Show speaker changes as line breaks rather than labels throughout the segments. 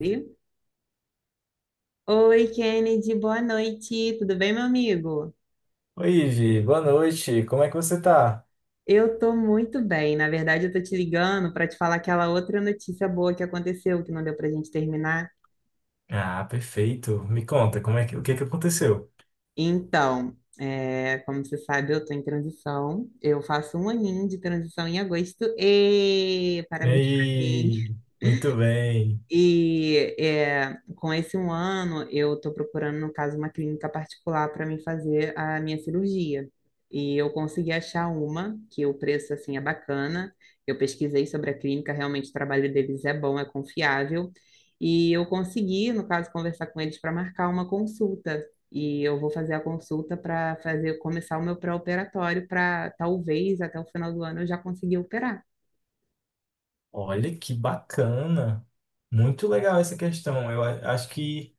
Oi, Oi, Kennedy, boa noite. Tudo bem, meu amigo?
Oi, Vi, boa noite. Como é que você tá?
Eu tô muito bem. Na verdade, eu tô te ligando para te falar aquela outra notícia boa que aconteceu, que não deu pra gente terminar.
Ah, perfeito. Me conta, o que que aconteceu?
Então, é, como você sabe, eu tô em transição. Eu faço um aninho de transição em agosto. E parabéns pra mim.
Ei, muito bem.
E é, com esse um ano, eu estou procurando, no caso, uma clínica particular para me fazer a minha cirurgia. E eu consegui achar uma, que o preço, assim, é bacana. Eu pesquisei sobre a clínica, realmente o trabalho deles é bom, é confiável. E eu consegui, no caso, conversar com eles para marcar uma consulta. E eu vou fazer a consulta para fazer começar o meu pré-operatório para talvez até o final do ano eu já conseguir operar.
Olha que bacana. Muito legal essa questão. Acho que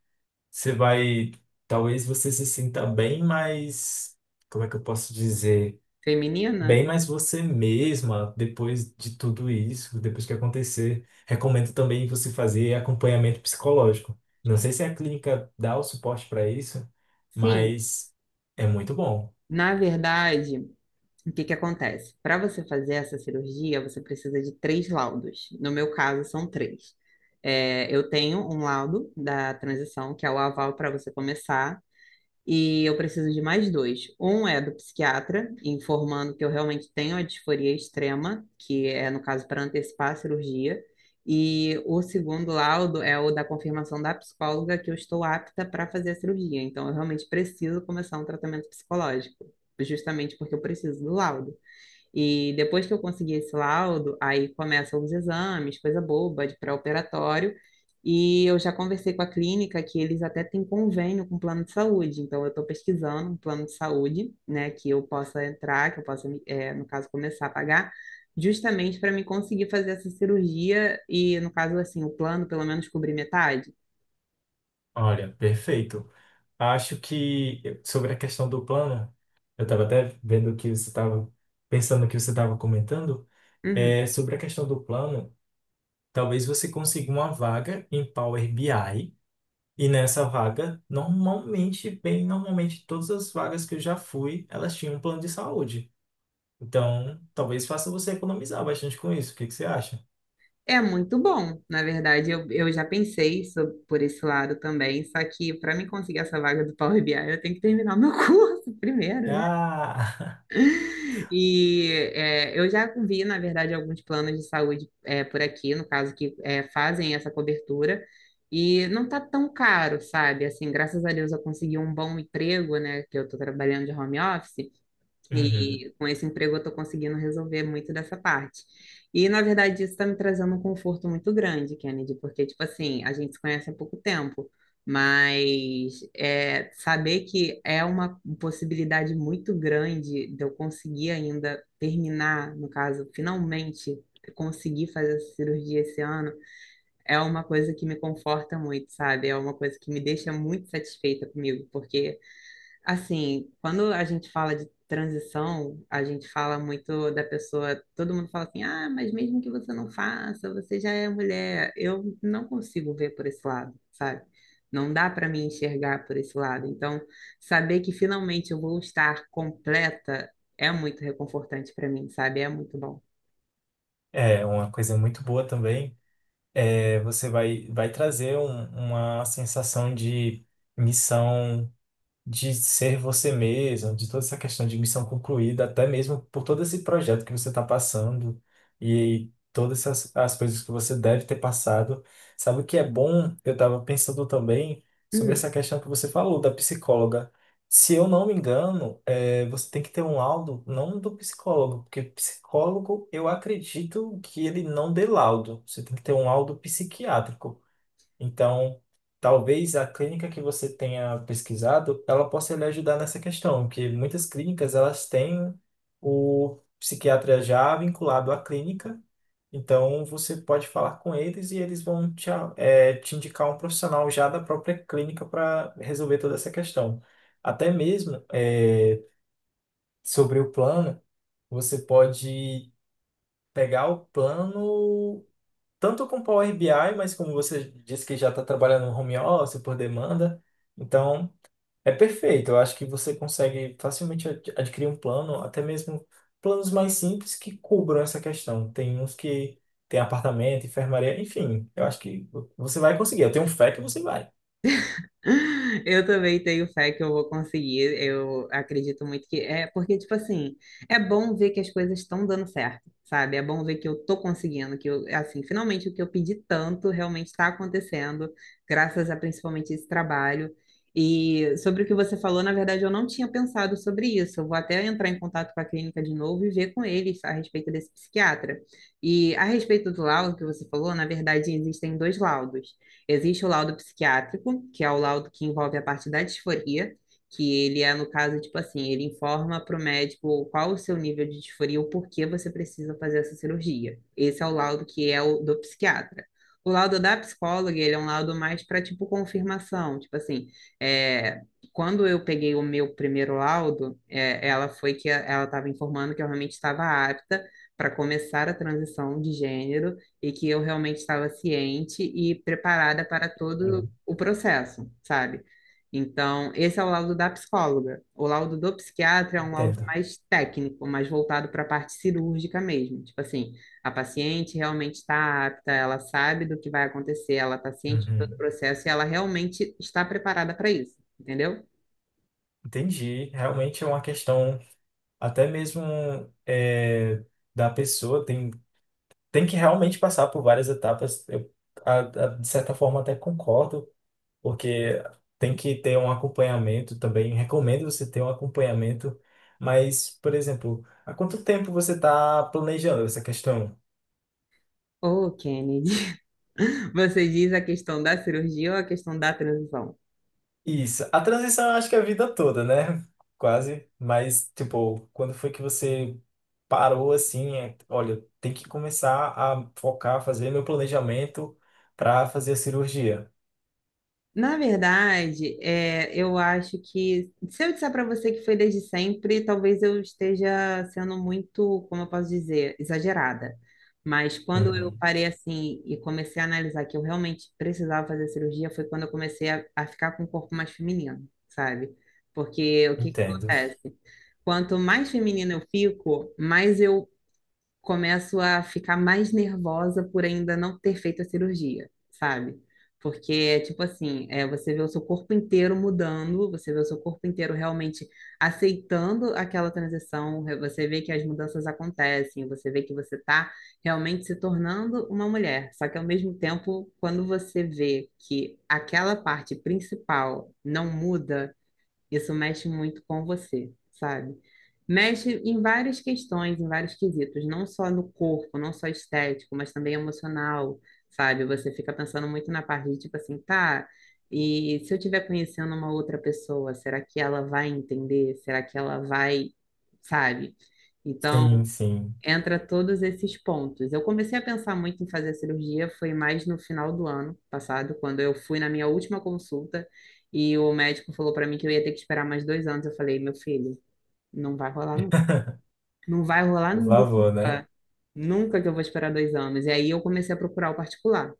você vai, talvez você se sinta bem, mas como é que eu posso dizer?
Feminina?
Bem mais você mesma depois de tudo isso, depois que acontecer. Recomendo também você fazer acompanhamento psicológico. Não sei se a clínica dá o suporte para isso,
Sim.
mas é muito bom.
Na verdade, o que que acontece? Para você fazer essa cirurgia, você precisa de três laudos. No meu caso, são três. É, eu tenho um laudo da transição, que é o aval para você começar, e eu preciso de mais dois. Um é do psiquiatra, informando que eu realmente tenho a disforia extrema, que é, no caso, para antecipar a cirurgia. E o segundo laudo é o da confirmação da psicóloga que eu estou apta para fazer a cirurgia. Então, eu realmente preciso começar um tratamento psicológico, justamente porque eu preciso do laudo. E depois que eu consegui esse laudo, aí começam os exames, coisa boba, de pré-operatório. E eu já conversei com a clínica que eles até têm convênio com o plano de saúde. Então, eu estou pesquisando um plano de saúde, né, que eu possa entrar, que eu possa, no caso, começar a pagar, justamente para me conseguir fazer essa cirurgia e, no caso, assim, o plano pelo menos cobrir metade.
Olha, perfeito. Acho que sobre a questão do plano, eu estava até vendo que você estava comentando,
Uhum.
sobre a questão do plano, talvez você consiga uma vaga em Power BI. E nessa vaga, normalmente, bem normalmente, todas as vagas que eu já fui, elas tinham um plano de saúde. Então, talvez faça você economizar bastante com isso. O que que você acha?
É muito bom, na verdade. Eu já pensei so- por esse lado também, só que para mim conseguir essa vaga do Power BI, eu tenho que terminar o meu curso primeiro, né?
Ah!
E é, eu já vi, na verdade, alguns planos de saúde é, por aqui, no caso, que é, fazem essa cobertura, e não tá tão caro, sabe? Assim, graças a Deus eu consegui um bom emprego, né? Que eu tô trabalhando de home office.
Uhum.
E com esse emprego eu estou conseguindo resolver muito dessa parte. E, na verdade, isso está me trazendo um conforto muito grande, Kennedy, porque, tipo assim, a gente se conhece há pouco tempo, mas é, saber que é uma possibilidade muito grande de eu conseguir ainda terminar, no caso, finalmente conseguir fazer essa cirurgia esse ano, é uma coisa que me conforta muito, sabe? É uma coisa que me deixa muito satisfeita comigo, porque. Assim, quando a gente fala de transição, a gente fala muito da pessoa, todo mundo fala assim, ah, mas mesmo que você não faça, você já é mulher. Eu não consigo ver por esse lado, sabe? Não dá para me enxergar por esse lado. Então, saber que finalmente eu vou estar completa é muito reconfortante para mim, sabe? É muito bom.
É, uma coisa muito boa também é vai trazer uma sensação de missão, de ser você mesmo, de toda essa questão de missão concluída, até mesmo por todo esse projeto que você está passando e todas essas, as coisas que você deve ter passado. Sabe o que é bom? Eu estava pensando também sobre essa questão que você falou da psicóloga. Se eu não me engano, você tem que ter um laudo, não do psicólogo, porque psicólogo eu acredito que ele não dê laudo. Você tem que ter um laudo psiquiátrico. Então, talvez a clínica que você tenha pesquisado, ela possa lhe ajudar nessa questão, porque muitas clínicas elas têm o psiquiatra já vinculado à clínica, então você pode falar com eles e eles vão te, te indicar um profissional já da própria clínica para resolver toda essa questão. Até mesmo sobre o plano, você pode pegar o plano tanto com Power BI, mas como você disse que já está trabalhando no home office por demanda, então é perfeito. Eu acho que você consegue facilmente adquirir um plano, até mesmo planos mais simples que cubram essa questão. Tem uns que tem apartamento, enfermaria, enfim, eu acho que você vai conseguir. Eu tenho fé que você vai.
Eu também tenho fé que eu vou conseguir. Eu acredito muito que é porque, tipo assim, é bom ver que as coisas estão dando certo, sabe? É bom ver que eu tô conseguindo, que eu, assim, finalmente o que eu pedi tanto realmente está acontecendo, graças a principalmente esse trabalho. E sobre o que você falou, na verdade, eu não tinha pensado sobre isso. Eu vou até entrar em contato com a clínica de novo e ver com eles a respeito desse psiquiatra. E a respeito do laudo que você falou, na verdade, existem dois laudos. Existe o laudo psiquiátrico, que é o laudo que envolve a parte da disforia, que ele é, no caso, tipo assim, ele informa para o médico qual o seu nível de disforia, o porquê você precisa fazer essa cirurgia. Esse é o laudo que é o do psiquiatra. O laudo da psicóloga, ele é um laudo mais para, tipo, confirmação. Tipo assim, é, quando eu peguei o meu primeiro laudo, é, ela foi que ela estava informando que eu realmente estava apta para começar a transição de gênero e que eu realmente estava ciente e preparada para todo
Uhum.
o processo, sabe? Então, esse é o laudo da psicóloga. O laudo do psiquiatra é um laudo
Entendo.
mais técnico, mais voltado para a parte cirúrgica mesmo. Tipo assim, a paciente realmente está apta, ela sabe do que vai acontecer, ela está ciente de todo o
Uhum.
processo e ela realmente está preparada para isso, entendeu?
Entendi. Realmente é uma questão até mesmo é, da pessoa. Tem que realmente passar por várias etapas. De certa forma, até concordo, porque tem que ter um acompanhamento também. Recomendo você ter um acompanhamento. Mas, por exemplo, há quanto tempo você está planejando essa questão?
Ô, Kennedy, você diz a questão da cirurgia ou a questão da transição?
Isso. A transição, eu acho que é a vida toda, né? Quase. Mas, tipo, quando foi que você parou assim? Olha, tem que começar a focar, fazer meu planejamento para fazer a cirurgia.
Na verdade, é, eu acho que se eu disser para você que foi desde sempre, talvez eu esteja sendo muito, como eu posso dizer, exagerada. Mas quando eu
Uhum.
parei assim e comecei a analisar que eu realmente precisava fazer cirurgia, foi quando eu comecei a ficar com o corpo mais feminino, sabe? Porque o que que
Entendo.
acontece? Quanto mais feminina eu fico, mais eu começo a ficar mais nervosa por ainda não ter feito a cirurgia, sabe? Porque é tipo assim, é, você vê o seu corpo inteiro mudando, você vê o seu corpo inteiro realmente aceitando aquela transição, re- você vê que as mudanças acontecem, você vê que você está realmente se tornando uma mulher. Só que ao mesmo tempo, quando você vê que aquela parte principal não muda, isso mexe muito com você, sabe? Mexe em várias questões, em vários quesitos, não só no corpo, não só estético, mas também emocional, sabe? Você fica pensando muito na parte de tipo assim, tá, e se eu estiver conhecendo uma outra pessoa, será que ela vai entender? Será que ela vai, sabe?
Sim,
Então,
sim.
entra todos esses pontos. Eu comecei a pensar muito em fazer a cirurgia, foi mais no final do ano passado, quando eu fui na minha última consulta e o médico falou para mim que eu ia ter que esperar mais dois anos. Eu falei, meu filho, não vai rolar nunca. Não vai rolar
Por favor, né?
nunca. Nunca que eu vou esperar dois anos. E aí eu comecei a procurar o particular.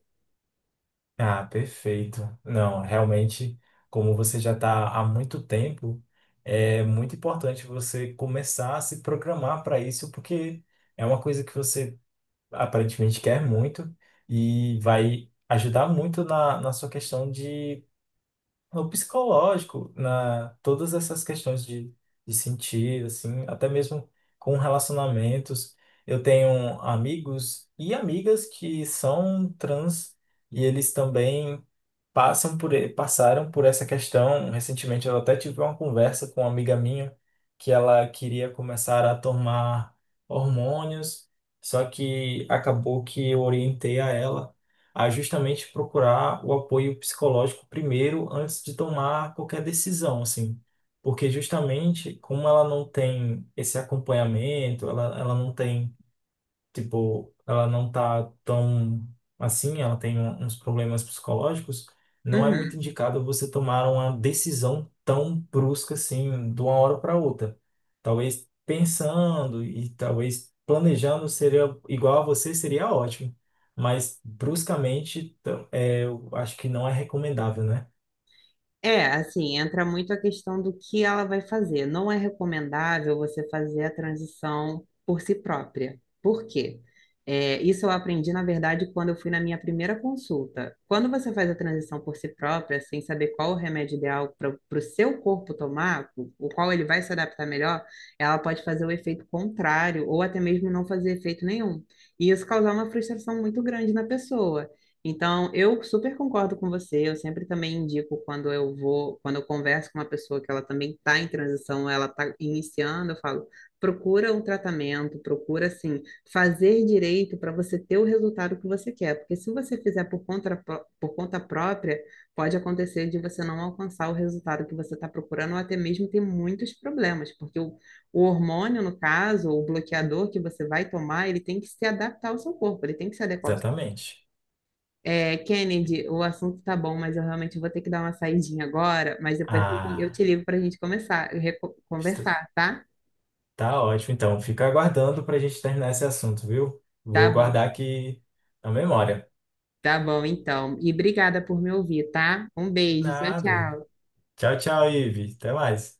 Ah, perfeito. Não, realmente, como você já está há muito tempo, é muito importante você começar a se programar para isso, porque é uma coisa que você aparentemente quer muito e vai ajudar muito na sua questão de o psicológico, na todas essas questões de sentir, assim, até mesmo com relacionamentos. Eu tenho amigos e amigas que são trans e eles também passaram por essa questão. Recentemente, eu até tive uma conversa com uma amiga minha que ela queria começar a tomar hormônios, só que acabou que eu orientei a ela a justamente procurar o apoio psicológico primeiro, antes de tomar qualquer decisão, assim. Porque justamente como ela não tem esse acompanhamento, ela não tem tipo, ela não tá tão assim, ela tem uns problemas psicológicos, não é muito
Uhum.
indicado você tomar uma decisão tão brusca assim, de uma hora para outra. Talvez pensando e talvez planejando seria igual a você, seria ótimo. Mas bruscamente, eu acho que não é recomendável, né?
É, assim, entra muito a questão do que ela vai fazer. Não é recomendável você fazer a transição por si própria. Por quê? É, isso eu aprendi, na verdade, quando eu fui na minha primeira consulta. Quando você faz a transição por si própria, sem saber qual o remédio ideal para o seu corpo tomar, o qual ele vai se adaptar melhor, ela pode fazer o efeito contrário, ou até mesmo não fazer efeito nenhum. E isso causar uma frustração muito grande na pessoa. Então, eu super concordo com você. Eu sempre também indico quando eu vou, quando eu converso com uma pessoa que ela também está em transição, ela está iniciando, eu falo, procura um tratamento, procura assim, fazer direito para você ter o resultado que você quer. Porque se você fizer por conta, pró- por conta própria, pode acontecer de você não alcançar o resultado que você está procurando, ou até mesmo ter muitos problemas, porque o hormônio, no caso, ou o bloqueador que você vai tomar, ele tem que se adaptar ao seu corpo, ele tem que se adequar
Exatamente.
é, Kennedy, o assunto tá bom, mas eu realmente vou ter que dar uma saidinha agora, mas depois eu
Ah,
te ligo para a gente começar, reco- conversar, tá?
tá ótimo, então. Fica aguardando para a gente terminar esse assunto, viu?
Tá
Vou
bom,
guardar aqui na memória.
tá bom então. E obrigada por me ouvir, tá? Um
De
beijo, tchau,
nada.
tchau.
Tchau, tchau, Ive. Até mais.